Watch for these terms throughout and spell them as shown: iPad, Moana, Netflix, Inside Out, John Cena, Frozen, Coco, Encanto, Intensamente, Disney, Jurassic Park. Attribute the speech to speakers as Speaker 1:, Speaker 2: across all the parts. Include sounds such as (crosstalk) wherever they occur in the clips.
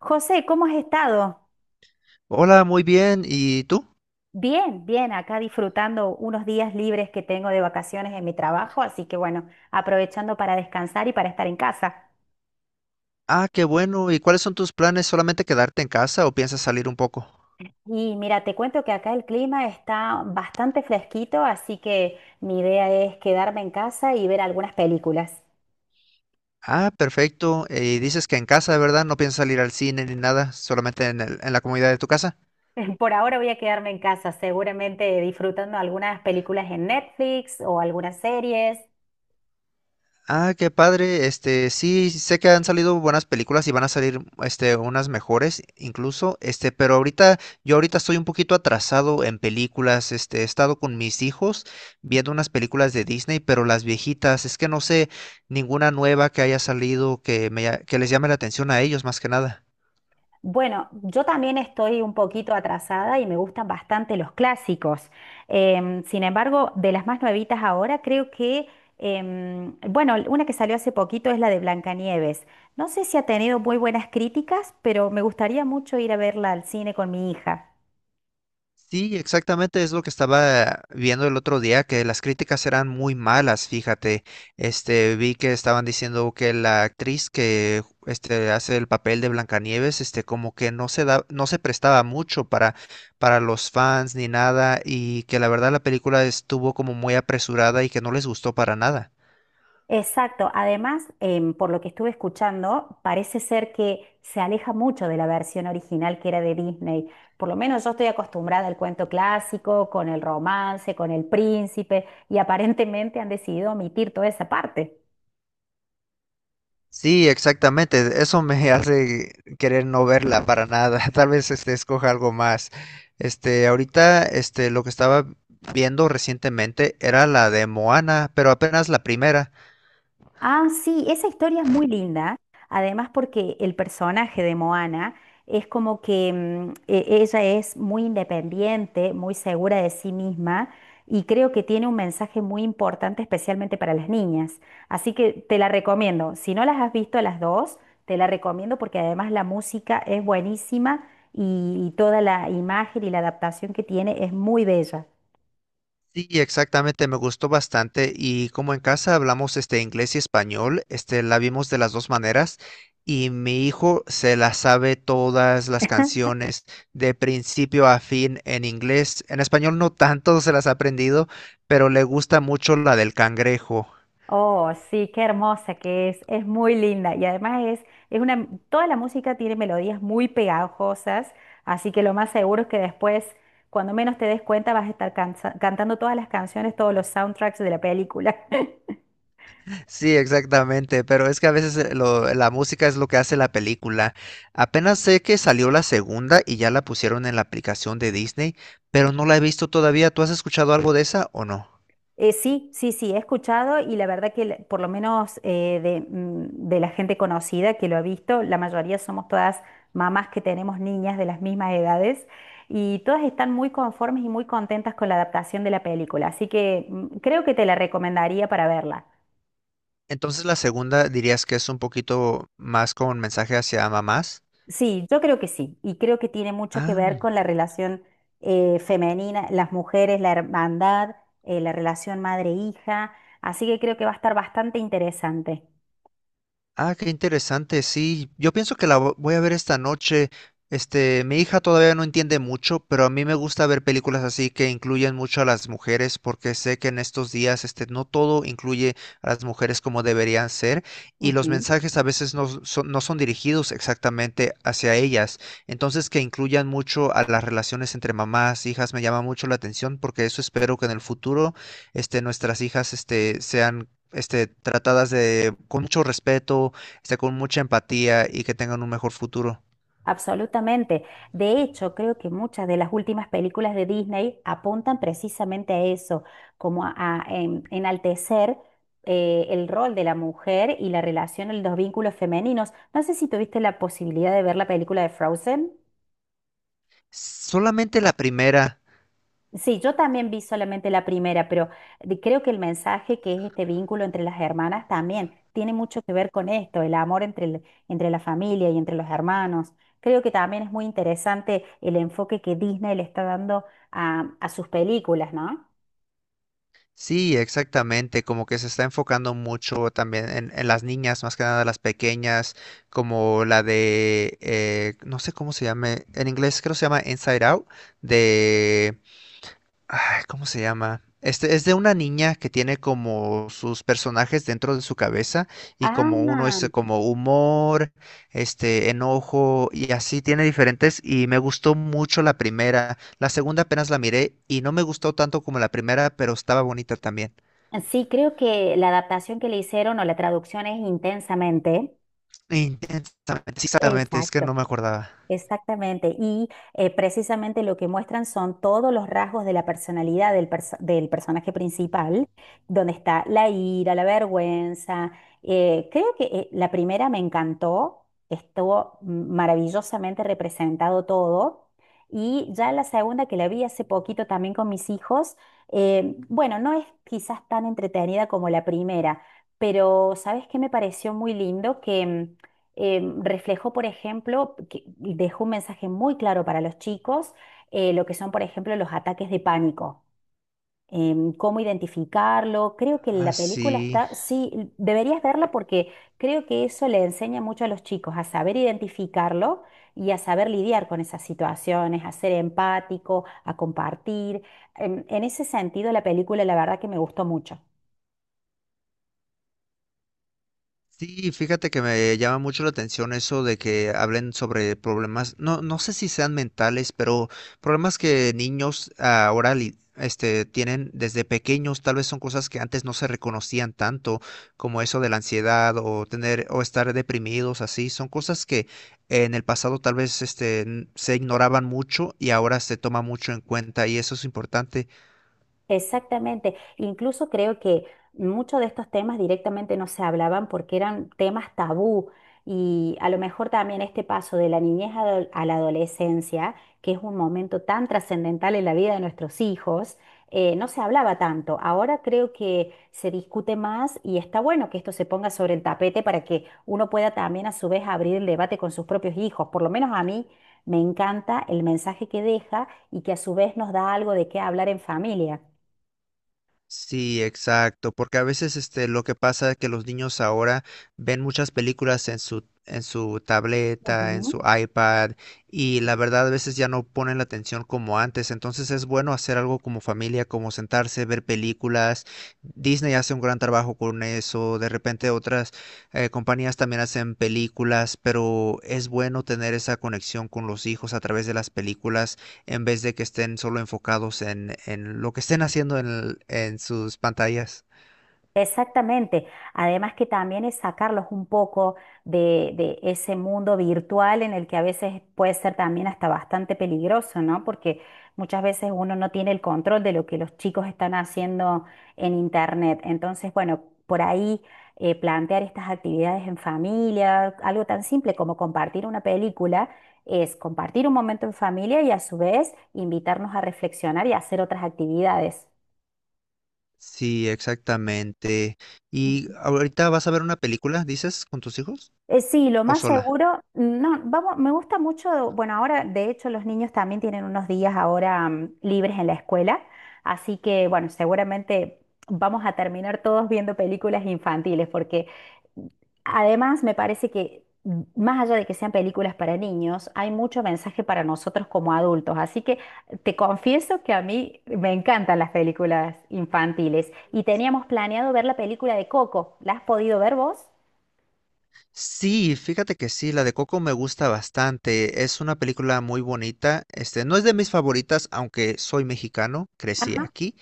Speaker 1: José, ¿cómo has estado?
Speaker 2: Hola, muy bien. ¿Y tú?
Speaker 1: Bien, bien, acá disfrutando unos días libres que tengo de vacaciones en mi trabajo, así que bueno, aprovechando para descansar y para estar en casa.
Speaker 2: Ah, qué bueno. ¿Y cuáles son tus planes? ¿Solamente quedarte en casa o piensas salir un poco?
Speaker 1: Y mira, te cuento que acá el clima está bastante fresquito, así que mi idea es quedarme en casa y ver algunas películas.
Speaker 2: Ah, perfecto. Y dices que en casa, ¿verdad? No piensas salir al cine ni nada, solamente en la comunidad de tu casa.
Speaker 1: (laughs) Por ahora voy a quedarme en casa, seguramente disfrutando algunas películas en Netflix o algunas series.
Speaker 2: Ah, qué padre. Este, sí, sé que han salido buenas películas y van a salir, este, unas mejores incluso. Este, pero ahorita, yo ahorita estoy un poquito atrasado en películas. Este, he estado con mis hijos viendo unas películas de Disney, pero las viejitas. Es que no sé ninguna nueva que haya salido que les llame la atención a ellos más que nada.
Speaker 1: Bueno, yo también estoy un poquito atrasada y me gustan bastante los clásicos. Sin embargo, de las más nuevitas ahora, creo que una que salió hace poquito es la de Blancanieves. No sé si ha tenido muy buenas críticas, pero me gustaría mucho ir a verla al cine con mi hija.
Speaker 2: Sí, exactamente es lo que estaba viendo el otro día, que las críticas eran muy malas, fíjate. Este, vi que estaban diciendo que la actriz que este hace el papel de Blancanieves, este como que no se da, no se prestaba mucho para los fans ni nada y que la verdad la película estuvo como muy apresurada y que no les gustó para nada.
Speaker 1: Exacto. Además, por lo que estuve escuchando, parece ser que se aleja mucho de la versión original que era de Disney. Por lo menos yo estoy acostumbrada al cuento clásico, con el romance, con el príncipe, y aparentemente han decidido omitir toda esa parte.
Speaker 2: Sí, exactamente. Eso me hace querer no verla para nada. (laughs) Tal vez este escoja algo más. Este, ahorita, este, lo que estaba viendo recientemente era la de Moana, pero apenas la primera.
Speaker 1: Ah, sí, esa historia es muy linda, además porque el personaje de Moana es como que ella es muy independiente, muy segura de sí misma y creo que tiene un mensaje muy importante especialmente para las niñas. Así que te la recomiendo. Si no las has visto las dos, te la recomiendo porque además la música es buenísima y toda la imagen y la adaptación que tiene es muy bella.
Speaker 2: Sí, exactamente, me gustó bastante y como en casa hablamos este inglés y español, este la vimos de las dos maneras y mi hijo se la sabe todas las canciones de principio a fin en inglés. En español no tanto (laughs) se las ha aprendido, pero le gusta mucho la del cangrejo.
Speaker 1: Oh, sí, qué hermosa que es muy linda y además es una, toda la música tiene melodías muy pegajosas, así que lo más seguro es que después, cuando menos te des cuenta, vas a estar cantando todas las canciones, todos los soundtracks de la película.
Speaker 2: Sí, exactamente, pero es que a veces la música es lo que hace la película. Apenas sé que salió la segunda y ya la pusieron en la aplicación de Disney, pero no la he visto todavía. ¿Tú has escuchado algo de esa o no?
Speaker 1: Sí, sí, sí, he escuchado y la verdad por lo menos de la gente conocida que lo ha visto, la mayoría somos todas mamás que tenemos niñas de las mismas edades y todas están muy conformes y muy contentas con la adaptación de la película, así que creo que te la recomendaría para verla.
Speaker 2: Entonces la segunda dirías que es un poquito más como un mensaje hacia mamás.
Speaker 1: Sí, yo creo que sí y creo que tiene mucho que
Speaker 2: Ah.
Speaker 1: ver con la relación femenina, las mujeres, la hermandad, la relación madre-hija, así que creo que va a estar bastante interesante.
Speaker 2: Ah, qué interesante, sí. Yo pienso que voy a ver esta noche. Este, mi hija todavía no entiende mucho, pero a mí me gusta ver películas así que incluyen mucho a las mujeres, porque sé que en estos días, este, no todo incluye a las mujeres como deberían ser, y los
Speaker 1: Ujú.
Speaker 2: mensajes a veces no son dirigidos exactamente hacia ellas. Entonces, que incluyan mucho a las relaciones entre mamás, hijas, me llama mucho la atención, porque eso espero que en el futuro, este, nuestras hijas, este, sean este, tratadas con mucho respeto, este, con mucha empatía y que tengan un mejor futuro.
Speaker 1: Absolutamente. De hecho, creo que muchas de las últimas películas de Disney apuntan precisamente a eso, como a enaltecer el rol de la mujer y la relación, los vínculos femeninos. No sé si tuviste la posibilidad de ver la película de Frozen.
Speaker 2: Solamente la primera,
Speaker 1: Sí, yo también vi solamente la primera, pero creo que el mensaje que es este vínculo entre las hermanas también tiene mucho que ver con esto, el amor entre la familia y entre los hermanos. Creo que también es muy interesante el enfoque que Disney le está dando a sus películas, ¿no?
Speaker 2: sí, exactamente, como que se está enfocando mucho también en las niñas, más que nada las pequeñas, como la de, no sé cómo se llame, en inglés creo que se llama Inside Out, de. Ay, ¿cómo se llama? Este es de una niña que tiene como sus personajes dentro de su cabeza y
Speaker 1: Ah,
Speaker 2: como uno es como humor, este enojo y así tiene diferentes y me gustó mucho la primera. La segunda apenas la miré y no me gustó tanto como la primera, pero estaba bonita también.
Speaker 1: sí, creo que la adaptación que le hicieron o la traducción es intensamente.
Speaker 2: Intensamente, sí, exactamente, es que
Speaker 1: Exacto.
Speaker 2: no me acordaba.
Speaker 1: Exactamente, y precisamente lo que muestran son todos los rasgos de la personalidad del personaje principal, donde está la ira, la vergüenza. Creo que la primera me encantó, estuvo maravillosamente representado todo, y ya la segunda que la vi hace poquito también con mis hijos, bueno, no es quizás tan entretenida como la primera, pero ¿sabes qué me pareció muy lindo? Que reflejó, por ejemplo, que dejó un mensaje muy claro para los chicos, lo que son, por ejemplo, los ataques de pánico, cómo identificarlo. Creo que
Speaker 2: Ah,
Speaker 1: la película
Speaker 2: sí.
Speaker 1: está, sí, deberías verla porque creo que eso le enseña mucho a los chicos a saber identificarlo y a saber lidiar con esas situaciones, a ser empático, a compartir. En ese sentido, la película, la verdad que me gustó mucho.
Speaker 2: Sí, fíjate que me llama mucho la atención eso de que hablen sobre problemas, no sé si sean mentales, pero problemas que niños ahora tienen desde pequeños, tal vez son cosas que antes no se reconocían tanto, como eso de la ansiedad o tener o estar deprimidos, así, son cosas que en el pasado tal vez se ignoraban mucho y ahora se toma mucho en cuenta y eso es importante.
Speaker 1: Exactamente. Incluso creo que muchos de estos temas directamente no se hablaban porque eran temas tabú y a lo mejor también este paso de la a la adolescencia, que es un momento tan trascendental en la vida de nuestros hijos, no se hablaba tanto. Ahora creo que se discute más y está bueno que esto se ponga sobre el tapete para que uno pueda también a su vez abrir el debate con sus propios hijos. Por lo menos a mí me encanta el mensaje que deja y que a su vez nos da algo de qué hablar en familia.
Speaker 2: Sí, exacto, porque a veces este lo que pasa es que los niños ahora ven muchas películas en su tableta, en
Speaker 1: Ujú.
Speaker 2: su iPad, y la verdad a veces ya no ponen la atención como antes, entonces es bueno hacer algo como familia, como sentarse, ver películas. Disney hace un gran trabajo con eso, de repente otras compañías también hacen películas, pero es bueno tener esa conexión con los hijos a través de las películas en vez de que estén solo enfocados en lo que estén haciendo en sus pantallas.
Speaker 1: Exactamente. Además que también es sacarlos un poco de ese mundo virtual en el que a veces puede ser también hasta bastante peligroso, ¿no? Porque muchas veces uno no tiene el control de lo que los chicos están haciendo en internet. Entonces, bueno, por ahí plantear estas actividades en familia, algo tan simple como compartir una película, es compartir un momento en familia y a su vez invitarnos a reflexionar y a hacer otras actividades.
Speaker 2: Sí, exactamente. ¿Y ahorita vas a ver una película, dices, con tus hijos
Speaker 1: Sí, lo
Speaker 2: o
Speaker 1: más
Speaker 2: sola?
Speaker 1: seguro, no, vamos, me gusta mucho, bueno, ahora de hecho los niños también tienen unos días ahora libres en la escuela, así que bueno, seguramente vamos a terminar todos viendo películas infantiles, porque además me parece que más allá de que sean películas para niños, hay mucho mensaje para nosotros como adultos, así que te confieso que a mí me encantan las películas infantiles y teníamos planeado ver la película de Coco, ¿la has podido ver vos?
Speaker 2: Sí, fíjate que sí, la de Coco me gusta bastante. Es una película muy bonita. Este, no es de mis favoritas, aunque soy mexicano, crecí
Speaker 1: Ajá.
Speaker 2: aquí.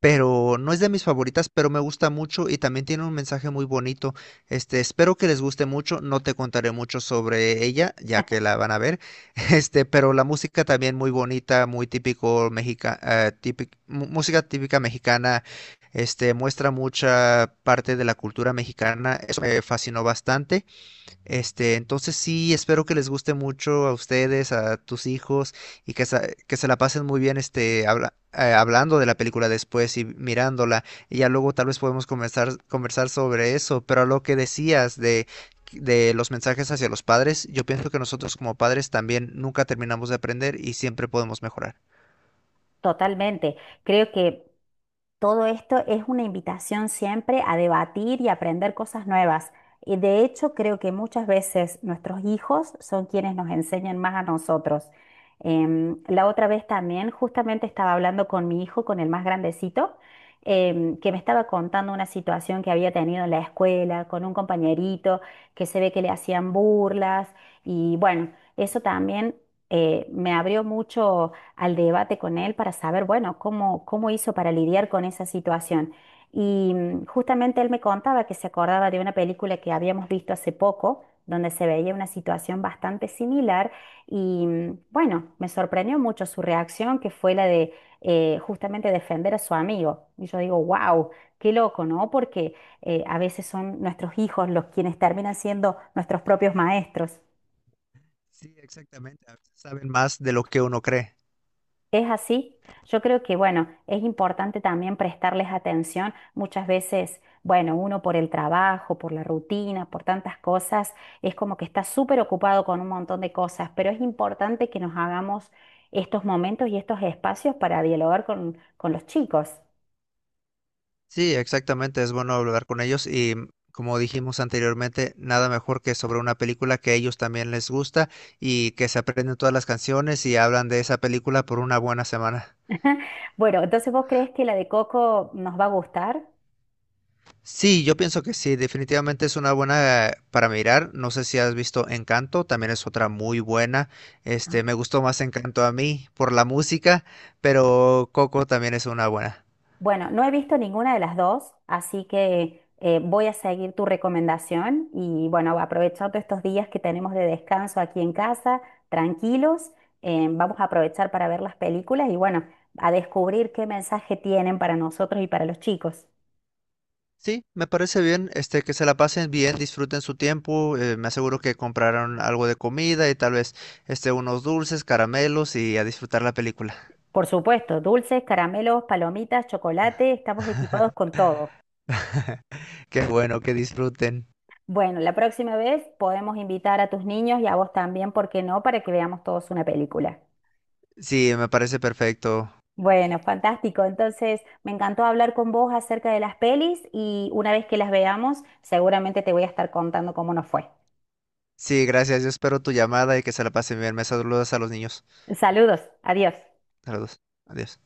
Speaker 2: Pero no es de mis favoritas, pero me gusta mucho y también tiene un mensaje muy bonito. Este, espero que les guste mucho, no te contaré mucho sobre ella, ya que la van a ver. (laughs) Este, pero la música también muy bonita, muy típico mexica, típic- mu- música típica mexicana. Este, muestra mucha parte de la cultura mexicana. Eso me fascinó bastante. Este, entonces sí, espero que les guste mucho a ustedes, a tus hijos y se que se la pasen muy bien este, hablando de la película después y mirándola. Y ya luego tal vez podemos conversar, conversar sobre eso, pero a lo que decías de los mensajes hacia los padres, yo pienso que nosotros como padres también nunca terminamos de aprender y siempre podemos mejorar.
Speaker 1: Totalmente. Creo que todo esto es una invitación siempre a debatir y aprender cosas nuevas. Y de hecho, creo que muchas veces nuestros hijos son quienes nos enseñan más a nosotros. La otra vez también, justamente estaba hablando con mi hijo, con el más grandecito, que me estaba contando una situación que había tenido en la escuela con un compañerito que se ve que le hacían burlas. Y bueno, eso también me abrió mucho al debate con él para saber, bueno, cómo hizo para lidiar con esa situación. Y justamente él me contaba que se acordaba de una película que habíamos visto hace poco, donde se veía una situación bastante similar y bueno, me sorprendió mucho su reacción, que fue la de justamente defender a su amigo. Y yo digo, wow, qué loco, ¿no? Porque a veces son nuestros hijos los quienes terminan siendo nuestros propios maestros.
Speaker 2: Sí, exactamente. A veces saben más de lo que uno cree.
Speaker 1: Es así. Yo creo que, bueno, es importante también prestarles atención. Muchas veces, bueno, uno por el trabajo, por la rutina, por tantas cosas, es como que está súper ocupado con un montón de cosas, pero es importante que nos hagamos estos momentos y estos espacios para dialogar con los chicos.
Speaker 2: Sí, exactamente, es bueno hablar con ellos y mm, como dijimos anteriormente, nada mejor que sobre una película que a ellos también les gusta y que se aprenden todas las canciones y hablan de esa película por una buena semana.
Speaker 1: (laughs) Bueno, entonces, ¿vos crees que la de Coco nos va a gustar?
Speaker 2: Sí, yo pienso que sí, definitivamente es una buena para mirar. No sé si has visto Encanto, también es otra muy buena. Este, me gustó más Encanto a mí por la música, pero Coco también es una buena.
Speaker 1: Bueno, no he visto ninguna de las dos, así que voy a seguir tu recomendación y bueno, aprovechando estos días que tenemos de descanso aquí en casa, tranquilos, vamos a aprovechar para ver las películas y bueno, a descubrir qué mensaje tienen para nosotros y para los chicos.
Speaker 2: Sí, me parece bien, este, que se la pasen bien, disfruten su tiempo, me aseguro que compraron algo de comida y tal vez, este, unos dulces, caramelos y a disfrutar la película.
Speaker 1: Por supuesto, dulces, caramelos, palomitas, chocolate, estamos equipados con todo.
Speaker 2: (laughs) Qué bueno, que disfruten.
Speaker 1: Bueno, la próxima vez podemos invitar a tus niños y a vos también, ¿por qué no? Para que veamos todos una película.
Speaker 2: Sí, me parece perfecto.
Speaker 1: Bueno, fantástico. Entonces, me encantó hablar con vos acerca de las pelis y una vez que las veamos, seguramente te voy a estar contando cómo nos fue.
Speaker 2: Sí, gracias, yo espero tu llamada y que se la pasen bien. Me saludas a los niños.
Speaker 1: Saludos, adiós.
Speaker 2: Saludos. Adiós.